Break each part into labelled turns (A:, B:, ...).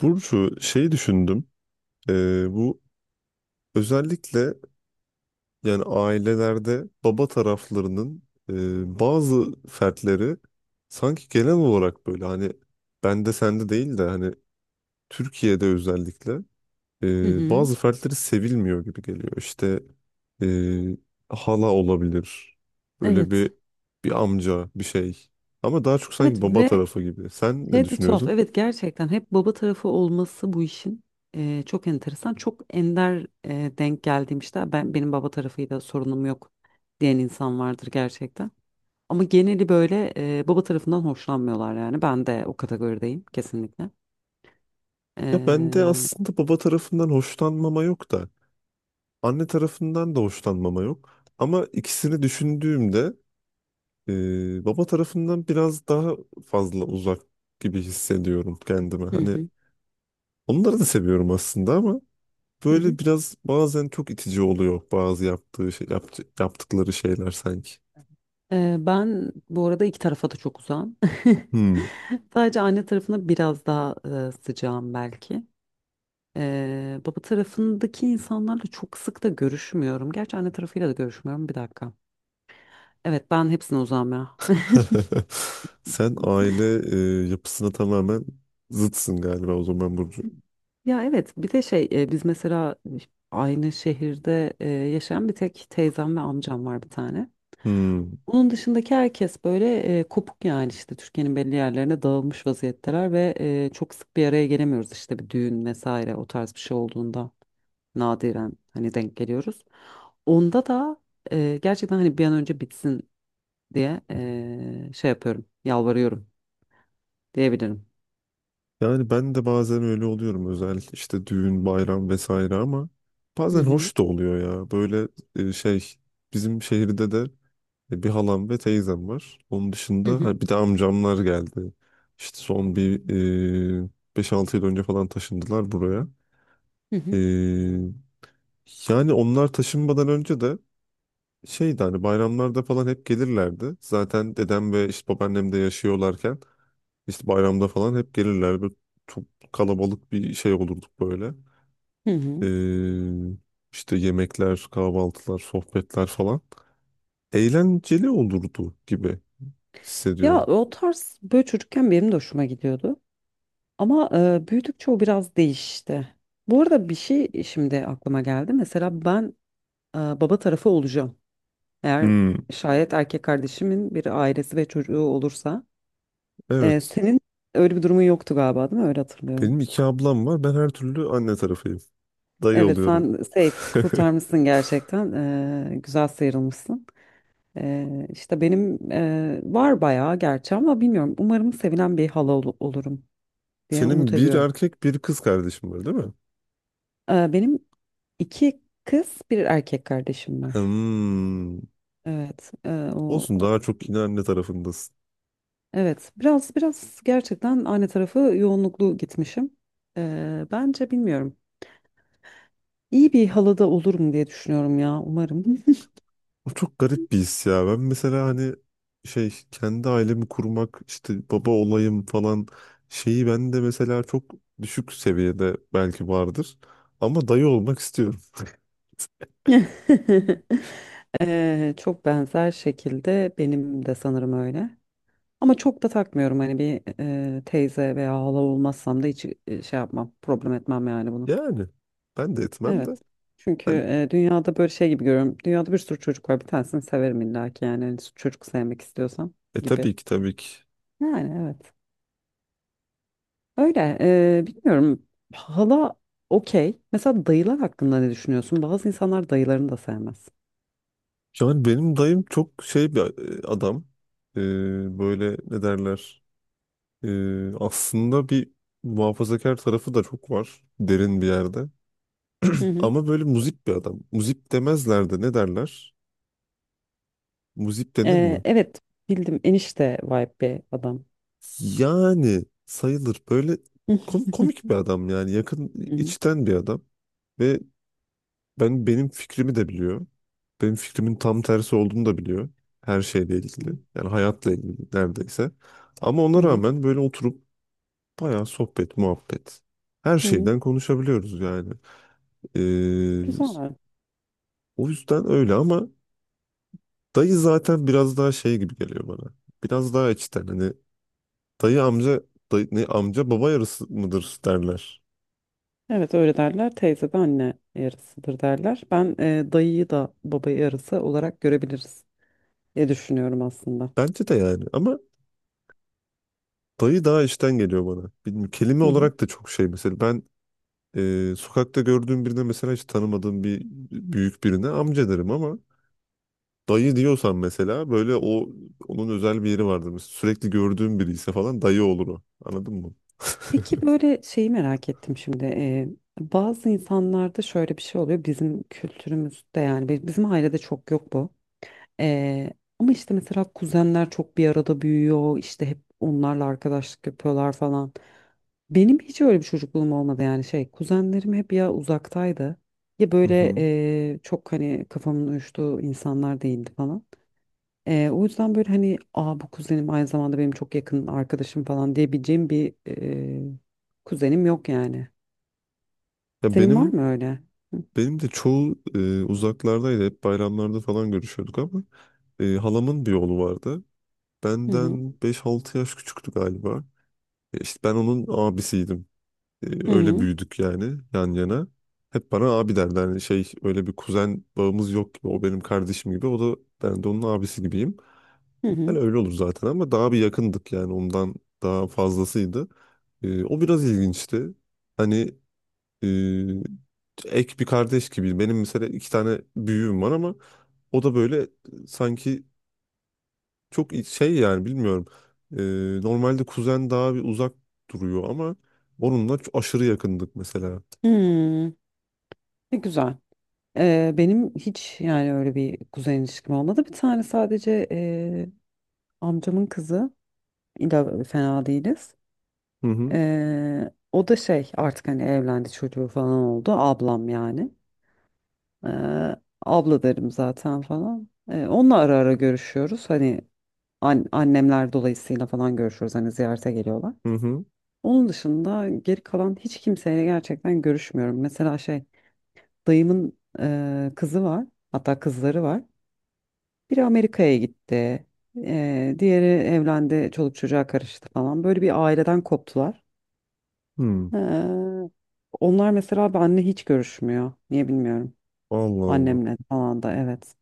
A: Burcu düşündüm. Bu özellikle yani ailelerde baba taraflarının bazı fertleri sanki genel olarak böyle hani bende sende değil de hani Türkiye'de özellikle
B: Hı hı.
A: bazı fertleri sevilmiyor gibi geliyor. İşte e, hala olabilir. Böyle
B: Evet.
A: bir amca bir şey. Ama daha çok
B: Evet
A: sanki baba
B: ve
A: tarafı gibi. Sen ne
B: şey de tuhaf.
A: düşünüyorsun?
B: Evet, gerçekten hep baba tarafı olması bu işin çok enteresan. Çok ender denk geldiğim, işte "Ben benim baba tarafıyla sorunum yok" diyen insan vardır gerçekten. Ama geneli böyle baba tarafından hoşlanmıyorlar yani. Ben de o kategorideyim kesinlikle.
A: Ya ben de
B: E,
A: aslında baba tarafından hoşlanmama yok da. Anne tarafından da hoşlanmama yok. Ama ikisini düşündüğümde baba tarafından biraz daha fazla uzak gibi hissediyorum kendime.
B: hı
A: Hani
B: hı,
A: onları da seviyorum aslında ama
B: hı
A: böyle
B: hı.
A: biraz bazen çok itici oluyor bazı yaptığı şey, yaptıkları şeyler sanki.
B: Ben bu arada iki tarafa da çok uzağım.
A: Hmm.
B: Sadece anne tarafına biraz daha sıcağım belki. Baba tarafındaki insanlarla çok sık da görüşmüyorum. Gerçi anne tarafıyla da görüşmüyorum. Bir dakika. Evet, ben hepsine uzağım ya.
A: Sen aile yapısına tamamen zıtsın galiba o zaman Burcu.
B: Ya evet, bir de biz mesela aynı şehirde yaşayan bir tek teyzem ve amcam var bir tane.
A: Hmm.
B: Onun dışındaki herkes böyle kopuk yani, işte Türkiye'nin belli yerlerine dağılmış vaziyetteler ve çok sık bir araya gelemiyoruz, işte bir düğün vesaire o tarz bir şey olduğunda nadiren hani denk geliyoruz. Onda da gerçekten hani bir an önce bitsin diye şey yapıyorum, yalvarıyorum diyebilirim.
A: Yani ben de bazen öyle oluyorum özellikle işte düğün, bayram vesaire ama
B: Hı
A: bazen
B: hı.
A: hoş da oluyor ya. Böyle e, şey bizim şehirde de bir halam ve teyzem var. Onun
B: Hı
A: dışında
B: hı.
A: ha, bir de amcamlar geldi. İşte son bir e, 5-6 yıl önce falan taşındılar buraya.
B: Hı hı.
A: E, Yani onlar taşınmadan önce de şeydi hani bayramlarda falan hep gelirlerdi. Zaten dedem ve işte babaannem de yaşıyorlarken. İşte bayramda falan hep gelirler. Böyle çok kalabalık bir şey olurduk böyle.
B: Hı hı.
A: Ee, işte yemekler, kahvaltılar, sohbetler falan. Eğlenceli olurdu gibi
B: Ya
A: hissediyorum.
B: o tarz böyle çocukken benim de hoşuma gidiyordu. Ama büyüdükçe o biraz değişti. Bu arada bir şey şimdi aklıma geldi. Mesela ben baba tarafı olacağım. Eğer
A: Hmm.
B: şayet erkek kardeşimin bir ailesi ve çocuğu olursa.
A: Evet.
B: Senin öyle bir durumun yoktu galiba, değil mi? Öyle hatırlıyorum.
A: Benim iki ablam var. Ben her türlü anne tarafıyım. Dayı
B: Evet,
A: oluyorum.
B: sen safe kurtarmışsın gerçekten. Güzel sıyrılmışsın. İşte benim var bayağı gerçi ama bilmiyorum. Umarım sevilen bir olurum diye umut
A: Senin bir
B: ediyorum.
A: erkek bir kız kardeşin var değil mi?
B: Benim İki kız, bir erkek kardeşim var.
A: Hmm.
B: Evet, o
A: Olsun daha çok yine anne tarafındasın.
B: evet, biraz gerçekten anne tarafı yoğunluklu gitmişim. Bence bilmiyorum. İyi bir halada olurum diye düşünüyorum ya, umarım.
A: O çok garip bir his ya. Ben mesela hani kendi ailemi kurmak işte baba olayım falan şeyi ben de mesela çok düşük seviyede belki vardır. Ama dayı olmak istiyorum.
B: Çok benzer şekilde benim de sanırım öyle. Ama çok da takmıyorum hani bir teyze veya hala olmazsam da hiç şey yapmam, problem etmem yani bunu.
A: Yani ben de etmem de.
B: Evet. Çünkü
A: Hani
B: dünyada böyle şey gibi görüyorum. Dünyada bir sürü çocuk var. Bir tanesini severim illa ki yani. Hani çocuk sevmek istiyorsam
A: e
B: gibi.
A: tabii ki tabii ki.
B: Yani evet. Öyle. Bilmiyorum. Hala okey. Mesela dayılar hakkında ne düşünüyorsun? Bazı insanlar dayılarını da sevmez.
A: Yani benim dayım çok şey bir adam. E, Böyle ne derler. E, Aslında bir muhafazakar tarafı da çok var. Derin bir yerde.
B: Hı hı.
A: Ama böyle muzip bir adam. Muzip demezler de ne derler? Muzip denir mi?
B: Evet. Bildim. Enişte vibe bir adam.
A: Yani sayılır. Böyle
B: Hı
A: komik bir adam yani. Yakın
B: hı.
A: içten bir adam. Ve benim fikrimi de biliyor. Benim fikrimin tam tersi olduğunu da biliyor. Her şeyle
B: Hı
A: ilgili.
B: hı.
A: Yani hayatla ilgili neredeyse. Ama
B: Hı
A: ona
B: hı.
A: rağmen böyle oturup bayağı sohbet, muhabbet. Her
B: Hı hı.
A: şeyden konuşabiliyoruz yani. Ee,
B: Güzel.
A: O yüzden öyle ama dayı zaten biraz daha şey gibi geliyor bana. Biraz daha içten. Hani dayı amca dayı, ne, amca baba yarısı mıdır derler.
B: Evet, öyle derler. Teyze de anne yarısıdır derler. Ben dayıyı da baba yarısı olarak görebiliriz diye düşünüyorum aslında.
A: Bence de yani ama dayı daha işten geliyor bana. Bilmiyorum, kelime
B: Hı hı.
A: olarak da çok şey mesela ben sokakta gördüğüm birine mesela hiç tanımadığım bir büyük birine amca derim ama dayı diyorsan mesela böyle onun özel bir yeri vardır. Mesela sürekli gördüğüm biri ise falan dayı olur o. Anladın mı?
B: Peki, böyle şeyi merak ettim şimdi. Bazı insanlarda şöyle bir şey oluyor. Bizim kültürümüzde yani bizim ailede çok yok bu. Ee, ama işte mesela kuzenler çok bir arada büyüyor, işte hep onlarla arkadaşlık yapıyorlar falan. Benim hiç öyle bir çocukluğum olmadı yani, şey, kuzenlerim hep ya uzaktaydı ya
A: Hı
B: böyle
A: hı.
B: çok hani kafamın uyuştuğu insanlar değildi falan. O yüzden böyle hani, aa, bu kuzenim aynı zamanda benim çok yakın arkadaşım falan diyebileceğim bir kuzenim yok yani.
A: Ya
B: Senin var
A: benim
B: mı öyle?
A: benim de çoğu uzaklardaydı. Hep bayramlarda falan görüşüyorduk ama halamın bir oğlu vardı.
B: Hı hı,
A: Benden beş altı yaş küçüktü galiba. İşte ben onun abisiydim.
B: hı
A: Öyle
B: hı,
A: büyüdük yani yan yana. Hep bana abi derler. Yani şey öyle bir kuzen bağımız yok gibi. O benim kardeşim gibi. O da ben de onun abisi gibiyim.
B: hı.
A: Yani
B: Hı.
A: öyle olur zaten ama daha bir yakındık yani ondan daha fazlasıydı. E, o biraz ilginçti. Hani e, ek bir kardeş gibi. Benim mesela iki tane büyüğüm var ama o da böyle sanki Çok i- şey yani bilmiyorum. Normalde kuzen daha bir uzak duruyor ama onunla çok aşırı yakındık mesela.
B: Hmm, ne güzel. Benim hiç yani öyle bir kuzen ilişkim olmadı. Bir tane sadece amcamın kızı. İlla fena değiliz.
A: Hı hı
B: O da şey, artık hani evlendi, çocuğu falan oldu. Ablam yani. Eee, abla derim zaten falan. Onunla ara ara görüşüyoruz. Hani annemler dolayısıyla falan görüşüyoruz. Hani ziyarete geliyorlar.
A: hı hı.
B: Onun dışında geri kalan hiç kimseyle gerçekten görüşmüyorum. Mesela şey, dayımın kızı var. Hatta kızları var. Biri Amerika'ya gitti. Diğeri evlendi. Çoluk çocuğa karıştı falan. Böyle bir aileden koptular.
A: Hı.
B: Eee, onlar mesela benle hiç görüşmüyor. Niye bilmiyorum.
A: Allah Allah.
B: Annemle falan da evet.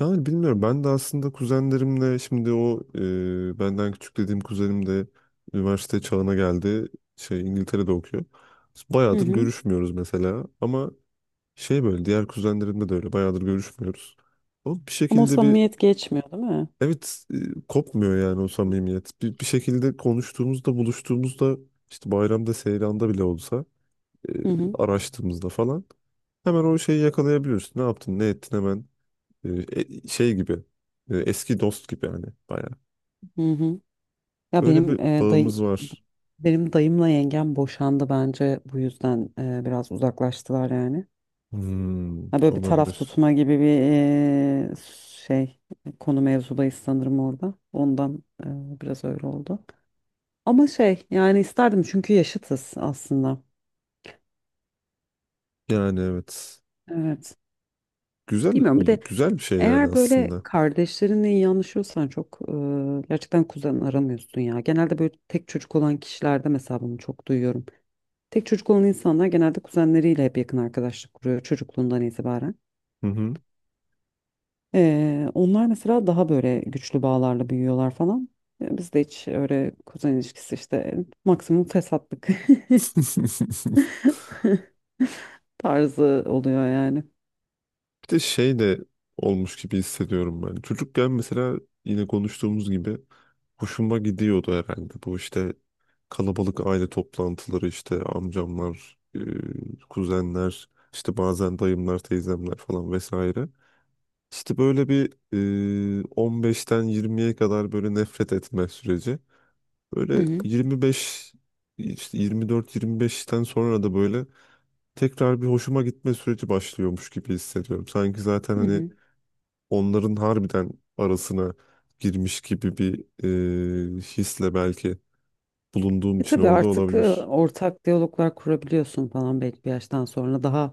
A: Yani bilmiyorum ben de aslında kuzenlerimle şimdi o benden küçük dediğim kuzenim de üniversite çağına geldi. Şey İngiltere'de okuyor. Biz
B: Hı
A: bayağıdır
B: hı.
A: görüşmüyoruz mesela ama şey böyle diğer kuzenlerimle de öyle bayağıdır görüşmüyoruz. Ama bir
B: Ama o
A: şekilde bir
B: samimiyet geçmiyor değil mi?
A: evet kopmuyor yani o samimiyet. Bir şekilde konuştuğumuzda, buluştuğumuzda işte bayramda, seyranda bile olsa e,
B: Hı hı,
A: araştığımızda falan hemen o şeyi yakalayabiliyorsun. Ne yaptın, ne ettin hemen e, gibi eski dost gibi yani bayağı.
B: hı hı. Ya
A: Öyle
B: benim
A: bir
B: e, dayı
A: bağımız var.
B: benim dayımla yengem boşandı, bence bu yüzden biraz uzaklaştılar yani.
A: Hmm,
B: Ha, böyle bir taraf
A: olabilir.
B: tutma gibi bir e, şey, konu mevzudayız sanırım orada. Ondan biraz öyle oldu. Ama şey yani, isterdim çünkü yaşıtız aslında.
A: Yani evet.
B: Evet.
A: Güzel
B: Bilmiyorum, bir
A: olur.
B: de
A: Güzel bir şey yani
B: eğer böyle
A: aslında.
B: kardeşlerinle iyi anlaşıyorsan çok gerçekten kuzen aramıyorsun ya. Genelde böyle tek çocuk olan kişilerde mesela bunu çok duyuyorum. Tek çocuk olan insanlar genelde kuzenleriyle hep yakın arkadaşlık kuruyor çocukluğundan itibaren.
A: Hı hı.
B: Onlar mesela daha böyle güçlü bağlarla büyüyorlar falan. Bizde hiç öyle kuzen ilişkisi, işte maksimum fesatlık tarzı oluyor yani.
A: Bir de şey de olmuş gibi hissediyorum ben. Çocukken mesela yine konuştuğumuz gibi hoşuma gidiyordu herhalde. Bu işte kalabalık aile toplantıları işte amcamlar, kuzenler, işte bazen dayımlar, teyzemler falan vesaire. İşte böyle bir 15'ten 20'ye kadar böyle nefret etme süreci.
B: Hı
A: Böyle
B: hı.
A: 25 işte 24-25'ten sonra da böyle tekrar bir hoşuma gitme süreci başlıyormuş gibi hissediyorum. Sanki zaten
B: Hı
A: hani
B: hı.
A: onların harbiden arasına girmiş gibi bir hisle belki bulunduğum
B: E
A: için
B: tabii,
A: orada
B: artık
A: olabilir.
B: ortak diyaloglar kurabiliyorsun falan belli bir yaştan sonra. Daha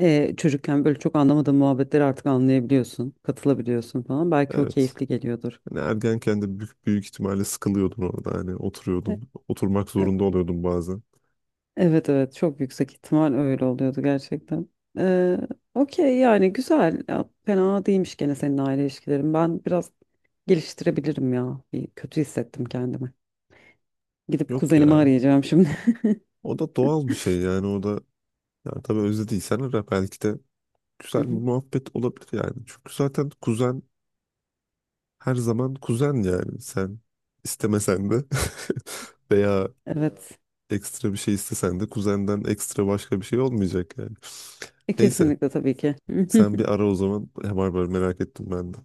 B: çocukken böyle çok anlamadığın muhabbetleri artık anlayabiliyorsun, katılabiliyorsun falan. Belki o
A: Evet.
B: keyifli geliyordur.
A: Hani ergenken de büyük, büyük ihtimalle sıkılıyordun orada hani
B: E,
A: oturuyordun. Oturmak
B: e,
A: zorunda oluyordun bazen.
B: Evet evet, çok yüksek ihtimal öyle oluyordu gerçekten. E, okey yani, güzel. Ya, fena değilmiş gene senin aile ilişkilerin. Ben biraz geliştirebilirim ya. Bir kötü hissettim kendimi. Gidip
A: Yok
B: kuzenimi
A: ya.
B: arayacağım şimdi.
A: O da doğal bir şey yani o da yani tabii özlediysen ara belki de
B: Hı
A: güzel bir
B: hı.
A: muhabbet olabilir yani. Çünkü zaten kuzen her zaman kuzen yani sen istemesen de veya
B: Evet.
A: ekstra bir şey istesen de kuzenden ekstra başka bir şey olmayacak yani. Neyse
B: Kesinlikle tabii ki.
A: sen bir ara o zaman. Var var merak ettim ben de.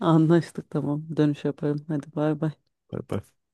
B: Anlaştık, tamam. Dönüş yaparım. Hadi bay bay.
A: Bay bay.